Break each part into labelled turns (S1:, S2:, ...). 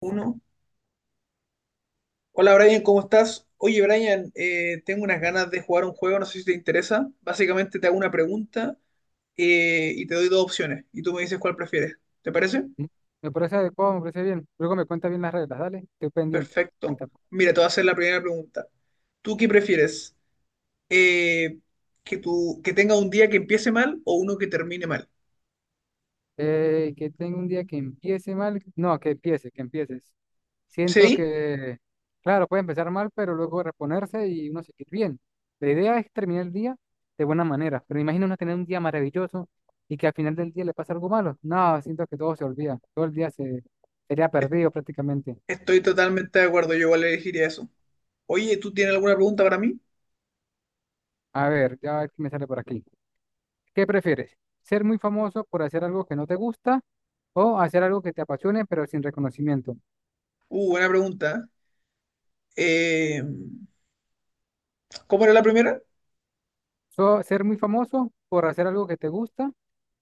S1: Uno. Hola Brian, ¿cómo estás? Oye Brian, tengo unas ganas de jugar un juego, no sé si te interesa. Básicamente te hago una pregunta y te doy dos opciones y tú me dices cuál prefieres. ¿Te parece?
S2: Mm, Me parece adecuado, me parece bien. Luego me cuenta bien las reglas, dale. Estoy pendiente.
S1: Perfecto.
S2: Cuéntame.
S1: Mira, te voy a hacer la primera pregunta. ¿Tú qué prefieres? Eh, ¿Que que tenga un día que empiece mal o uno que termine mal?
S2: Que tengo un día que empiece mal. No, que empiece, que empieces. Siento
S1: Sí,
S2: que, claro, puede empezar mal, pero luego reponerse y uno seguir bien. La idea es terminar el día de buena manera, pero imagina uno tener un día maravilloso y que al final del día le pasa algo malo. No, siento que todo se olvida. Todo el día se sería perdido prácticamente.
S1: estoy totalmente de acuerdo, yo igual elegiría eso. Oye, ¿tú tienes alguna pregunta para mí?
S2: A ver, ya a ver qué me sale por aquí. ¿Qué prefieres? ¿Ser muy famoso por hacer algo que no te gusta o hacer algo que te apasione pero sin reconocimiento?
S1: Buena pregunta. Eh, Eh, ¿Cómo era la primera?
S2: So, ¿ser muy famoso por hacer algo que te gusta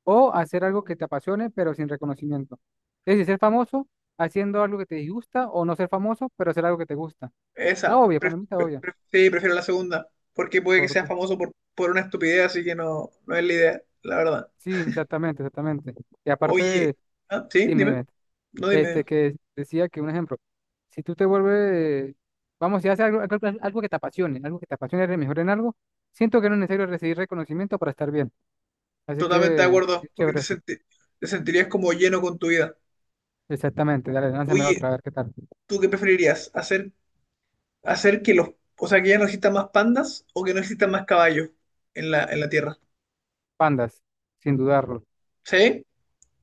S2: o hacer algo que te apasione pero sin reconocimiento? Es decir, ser famoso haciendo algo que te disgusta o no ser famoso pero hacer algo que te gusta. Está
S1: Esa,
S2: obvia, para mí está obvia.
S1: sí, prefiero la segunda, porque puede que sea
S2: Por-
S1: famoso por una estupidez, así que no es la idea, la verdad.
S2: sí, exactamente, exactamente. Y aparte,
S1: Oye, ah, ¿sí?
S2: dime,
S1: Dime,
S2: dime.
S1: no
S2: Este,
S1: dime,
S2: que decía que un ejemplo, si tú te vuelves, vamos, si haces algo, algo que te apasione, algo que te apasione, eres mejor en algo, siento que no es necesario recibir reconocimiento para estar bien. Así
S1: totalmente de
S2: que
S1: acuerdo,
S2: es
S1: porque
S2: chévere eso.
S1: te sentirías como lleno con tu vida.
S2: Exactamente, dale, lánzame
S1: Oye,
S2: otra, a ver qué tal.
S1: ¿tú qué preferirías? Hacer que o sea, que ya no existan más pandas o que no existan más caballos en la Tierra?
S2: Pandas, sin dudarlo.
S1: ¿Sí?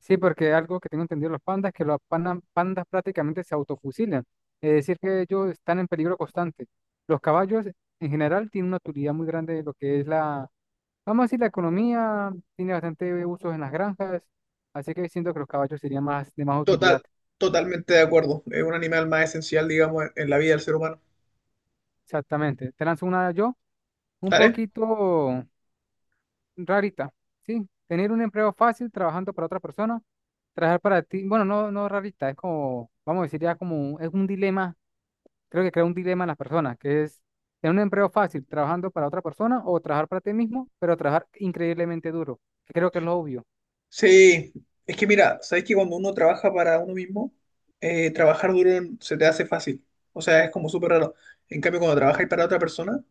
S2: Sí, porque algo que tengo entendido de los pandas es que los pandas prácticamente se autofusilan. Es decir, que ellos están en peligro constante. Los caballos, en general, tienen una utilidad muy grande de lo que es la, vamos a decir, la economía. Tiene bastante usos en las granjas, así que siento que los caballos serían más de más utilidad.
S1: Total, totalmente de acuerdo, es un animal más esencial, digamos, en la vida del ser humano.
S2: Exactamente. Te lanzo una yo, un
S1: ¿Vale?
S2: poquito rarita, ¿sí? Tener un empleo fácil trabajando para otra persona, trabajar para ti, bueno, no rarita, es como, vamos a decir ya como, es un dilema, creo que crea un dilema en las personas, que es tener un empleo fácil trabajando para otra persona o trabajar para ti mismo, pero trabajar increíblemente duro, que creo que es lo obvio.
S1: Sí, es que mira, sabes que cuando uno trabaja para uno mismo, trabajar duro se te hace fácil. O sea, es como súper raro. En cambio, cuando trabajas para otra persona,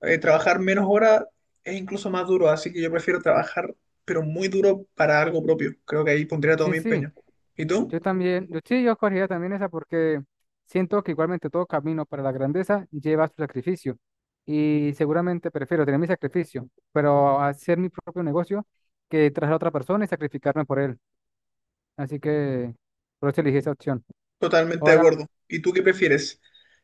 S1: trabajar menos horas es incluso más duro. Así que yo prefiero trabajar, pero muy duro para algo propio. Creo que ahí pondría todo
S2: Sí,
S1: mi
S2: sí.
S1: empeño. ¿Y tú?
S2: Yo también, yo sí, yo escogería también esa porque siento que igualmente todo camino para la grandeza lleva su sacrificio y seguramente prefiero tener mi sacrificio, pero hacer mi propio negocio que traer a otra persona y sacrificarme por él. Así que por eso elegí esa opción.
S1: Totalmente de
S2: Ahora,
S1: acuerdo. ¿Y tú qué prefieres?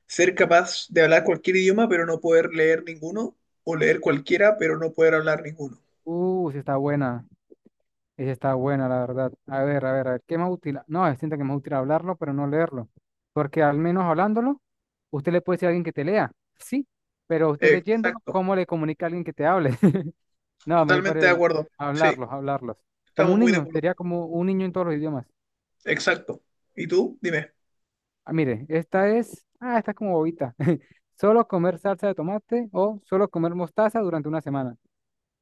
S1: ¿Ser capaz de hablar cualquier idioma, pero no poder leer ninguno? ¿O leer cualquiera, pero no poder hablar ninguno?
S2: sí está buena, esa está buena, la verdad. A ver, a ver, a ver, ¿qué más útil? No, siento que es más útil hablarlo, pero no leerlo, porque al menos hablándolo, usted le puede decir a alguien que te lea, sí, pero usted leyéndolo,
S1: Exacto.
S2: ¿cómo le comunica a alguien que te hable? No, me
S1: Totalmente de
S2: parece
S1: acuerdo. Sí,
S2: hablarlos, hablarlos. Como
S1: estamos
S2: un
S1: muy de
S2: niño,
S1: acuerdo.
S2: sería como un niño en todos los idiomas.
S1: Exacto. ¿Y tú? Dime.
S2: Ah, mire, esta es, ah, esta es como bobita. Solo comer salsa de tomate o solo comer mostaza durante una semana.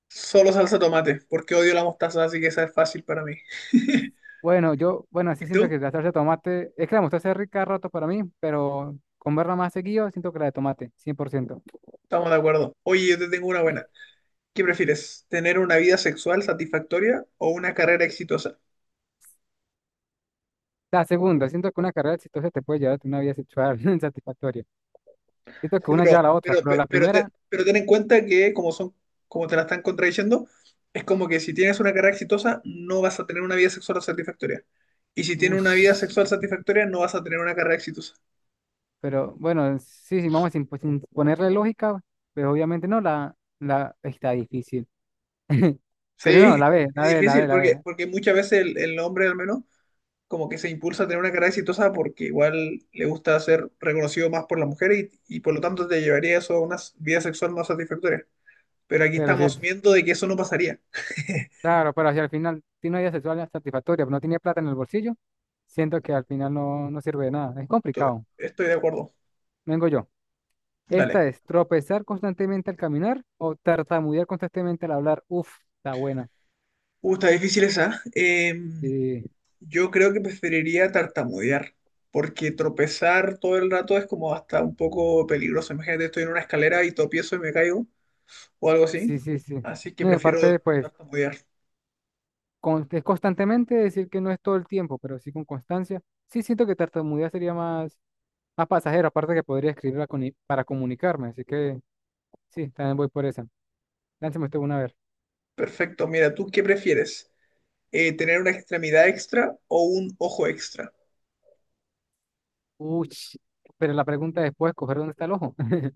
S1: Solo salsa tomate, porque odio la mostaza, así que esa es fácil para mí. ¿Y
S2: Bueno, yo, bueno, sí siento
S1: tú?
S2: que la salsa de tomate, es que la mostaza es rica a rato para mí, pero comerla más seguido, siento que la de tomate, 100%.
S1: Estamos de acuerdo. Oye, yo te tengo una buena. ¿Qué prefieres? ¿Tener una vida sexual satisfactoria o una carrera exitosa?
S2: La segunda, siento que una carrera exitosa te puede llevar a una vida sexual satisfactoria. Siento que
S1: Sí,
S2: una lleva a la otra, pero la primera,
S1: Pero ten en cuenta que como son, como te la están contradiciendo, es como que si tienes una carrera exitosa, no vas a tener una vida sexual satisfactoria. Y si tienes
S2: uff.
S1: una vida sexual satisfactoria, no vas a tener una carrera exitosa.
S2: Pero bueno, sí, sí, vamos sin, pues, sin ponerle lógica, pues obviamente no, la está difícil. Pero no,
S1: Sí,
S2: la ve, la
S1: es
S2: ve, la ve,
S1: difícil
S2: la ve.
S1: porque muchas veces el hombre al menos como que se impulsa a tener una carrera exitosa porque igual le gusta ser reconocido más por las mujeres y por lo tanto te llevaría eso a una vida sexual más satisfactoria. Pero aquí
S2: Pero sí,
S1: estamos asumiendo de que eso no pasaría.
S2: claro, pero si al final tiene una vida sexual satisfactoria, pero no tiene plata en el bolsillo, siento que al final no, no sirve de nada. Es
S1: Estoy,
S2: complicado.
S1: estoy de acuerdo.
S2: Vengo yo. Esta
S1: Dale.
S2: es tropezar constantemente al caminar o tartamudear constantemente al hablar. Uf, está buena.
S1: Está difícil esa.
S2: Sí,
S1: Yo creo que preferiría tartamudear, porque tropezar todo el rato es como hasta un poco peligroso. Imagínate, estoy en una escalera y tropiezo y me caigo o algo
S2: sí,
S1: así.
S2: sí, sí.
S1: Así que
S2: No, y
S1: prefiero
S2: aparte, pues,
S1: tartamudear.
S2: con- es constantemente decir que no es todo el tiempo, pero sí con constancia. Sí siento que tartamudea sería más, más pasajero, aparte que podría escribirla con i- para comunicarme, así que sí, también voy por esa. Lánceme usted una a ver.
S1: Perfecto. Mira, ¿tú qué prefieres? Tener una extremidad extra o un ojo extra.
S2: Uy, pero la pregunta después, coger dónde está el ojo.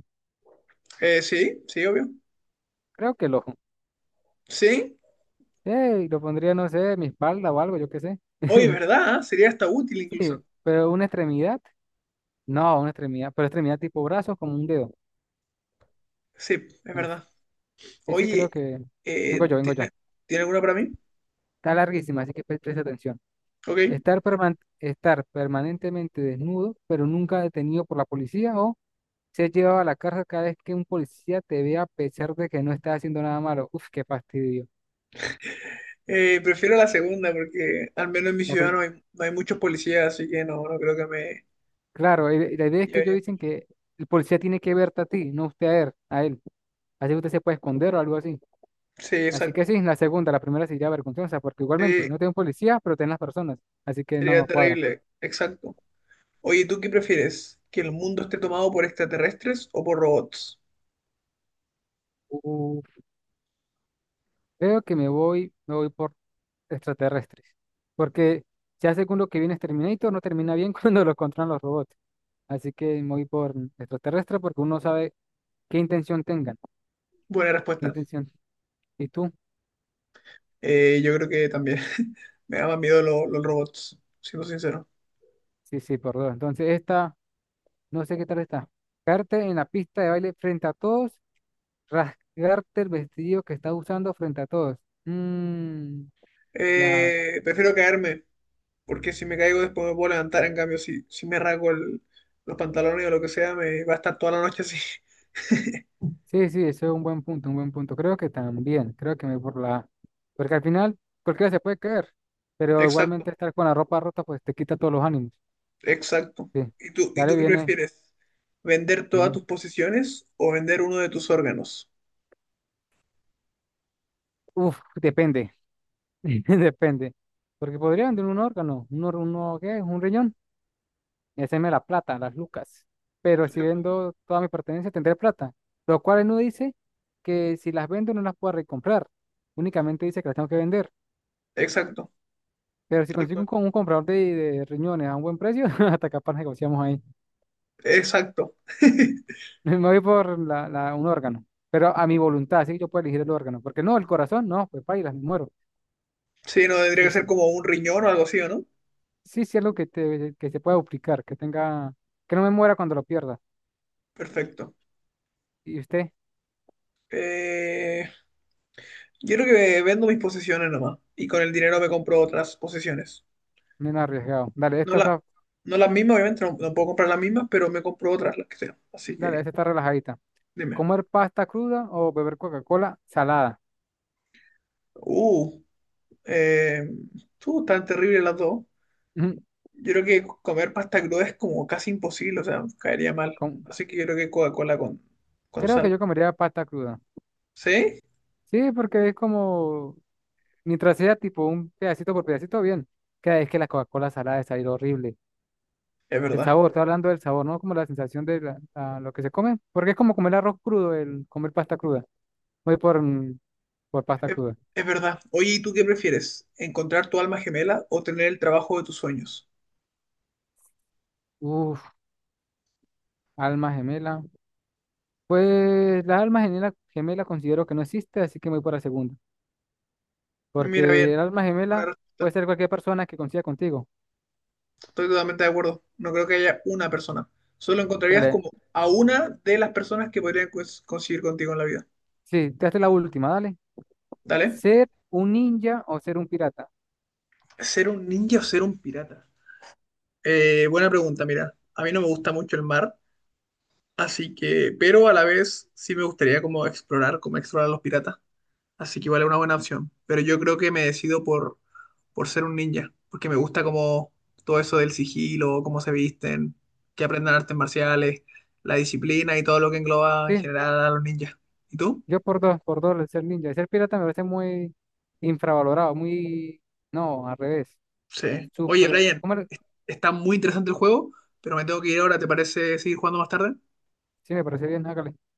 S1: Sí, sí, obvio.
S2: Creo que el ojo.
S1: Sí,
S2: Sí, lo pondría, no sé, en mi espalda o algo, yo qué sé.
S1: oye, ¿verdad? ¿Eh? Sería hasta útil
S2: Sí,
S1: incluso.
S2: pero una extremidad. No, una extremidad, pero extremidad tipo brazos como un dedo.
S1: Sí, es
S2: No sé.
S1: verdad.
S2: Sí, sí, creo
S1: Oye,
S2: que... Vengo
S1: eh,
S2: yo, vengo yo.
S1: ¿tiene, ¿tiene alguna para mí?
S2: Está larguísima, así que pre- presta atención.
S1: Ok.
S2: Estar, perman- estar permanentemente desnudo, pero nunca detenido por la policía o ser llevado a la cárcel cada vez que un policía te vea a pesar de que no estás haciendo nada malo. Uf, qué fastidio.
S1: Prefiero la segunda porque al menos en mi
S2: La
S1: ciudad
S2: pri-
S1: no hay muchos policías, así que no creo que me
S2: claro, la idea es que ellos
S1: llevaría
S2: dicen
S1: mucho.
S2: que el policía tiene que verte a ti, no usted a él, a él. Así que usted se puede esconder o algo así.
S1: Sí,
S2: Así que
S1: exacto.
S2: sí, la segunda, la primera sería vergonzosa, porque igualmente
S1: Sí,
S2: no tengo policía, pero tengo las personas. Así que no
S1: sería
S2: nos cuadra.
S1: terrible. Exacto. Oye, ¿tú qué prefieres? ¿Que el mundo esté tomado por extraterrestres o por robots?
S2: Uf, creo que me voy por extraterrestres. Porque ya según lo que viene es Terminator, no termina bien cuando lo controlan los robots. Así que me voy por extraterrestre porque uno sabe qué intención tengan,
S1: Buena
S2: qué
S1: respuesta.
S2: intención. ¿Y tú?
S1: Yo creo que también me da más miedo los robots, siendo sincero.
S2: Sí, sí, por dos. Entonces esta, no sé qué tal está. Caerte en la pista de baile frente a todos, rasgarte el vestido que estás usando frente a todos. Mm, la,
S1: Prefiero caerme, porque si me caigo después me puedo levantar. En cambio, si, si me rasgo los pantalones o lo que sea, me va a estar toda la noche así.
S2: sí, sí, eso es un buen punto, un buen punto. Creo que también, creo que me voy por la A. Porque al final cualquiera se puede caer, pero
S1: Exacto,
S2: igualmente estar con la ropa rota pues te quita todos los ánimos.
S1: exacto.
S2: Sí,
S1: ¿Y
S2: ya le
S1: tú qué
S2: viene,
S1: prefieres? ¿Vender todas
S2: dime.
S1: tus posiciones o vender uno de tus órganos?
S2: Uf, depende, depende. Porque podría vender un órgano, un, or- uno, ¿qué? Un riñón y hacerme la plata, las lucas. Pero si vendo toda mi pertenencia tendré plata, lo cual no dice que si las vendo no las pueda recomprar, únicamente dice que las tengo que vender.
S1: Exacto,
S2: Pero si
S1: tal
S2: consigo
S1: cual.
S2: un, co- un comprador de riñones a un buen precio, hasta capaz negociamos ahí.
S1: Exacto.
S2: Me voy por la, la- un órgano, pero a mi voluntad, así que yo puedo elegir el órgano. Porque no, el corazón, no, pues paila, me muero.
S1: Sí, no, tendría
S2: Sí,
S1: que ser
S2: sí.
S1: como un riñón o algo así, ¿o no?
S2: Sí, sí, algo que, te, que se pueda duplicar, que tenga, que no me muera cuando lo pierda.
S1: Perfecto.
S2: Y usted,
S1: Eh, Yo creo que vendo mis posesiones nomás y con el dinero me compro otras posesiones.
S2: menos arriesgado.
S1: No, la, no las mismas, obviamente, no puedo comprar las mismas, pero me compro otras, las que sean. Así
S2: Dale,
S1: que,
S2: esta está relajadita.
S1: dime.
S2: ¿Comer pasta cruda o beber Coca-Cola salada?
S1: Uh, eh, tú, tan terrible las dos.
S2: Ujú.
S1: Yo creo que comer pasta cruda es como casi imposible, o sea, caería mal.
S2: Com-
S1: Así que yo creo que con
S2: creo que
S1: sal.
S2: yo comería pasta cruda.
S1: ¿Sí?
S2: Sí, porque es como mientras sea tipo un pedacito por pedacito, bien. Cada vez que la Coca-Cola salada es salir horrible.
S1: Es
S2: El
S1: verdad.
S2: sabor, estoy hablando del sabor, ¿no? Como la sensación de la- la- lo que se come. Porque es como comer arroz crudo, el comer pasta cruda. Voy por, por pasta
S1: Es,
S2: cruda.
S1: es verdad. Oye, ¿y tú qué prefieres? ¿Encontrar tu alma gemela o tener el trabajo de tus sueños?
S2: Uf, alma gemela. Pues la alma gemela considero que no existe, así que me voy por la segunda.
S1: Mira bien,
S2: Porque el alma
S1: buena
S2: gemela
S1: respuesta.
S2: puede ser cualquier persona que coincida contigo.
S1: Estoy totalmente de acuerdo. No creo que haya una persona. Solo encontrarías
S2: Dale,
S1: como a una de las personas que podrían conseguir contigo en la vida.
S2: sí, te hace la última, dale.
S1: ¿Dale?
S2: Ser un ninja o ser un pirata.
S1: ¿Ser un ninja o ser un pirata? Buena pregunta, mira. A mí no me gusta mucho el mar, así que, pero a la vez sí me gustaría como explorar a los piratas. Así que vale una buena opción. Pero yo creo que me decido por ser un ninja, porque me gusta como todo eso del sigilo, cómo se visten, que aprendan artes marciales, la disciplina y todo lo que engloba en
S2: Sí,
S1: general a los ninjas. ¿Y tú?
S2: yo por dos, el ser ninja. El ser pirata me parece muy infravalorado, muy... No, al revés.
S1: Sí. Oye,
S2: Súper...
S1: Brian,
S2: ¿Cómo era?
S1: está muy interesante el juego, pero me tengo que ir ahora, ¿te parece seguir jugando más tarde?
S2: Sí, me parece bien, hágale. Hasta luego.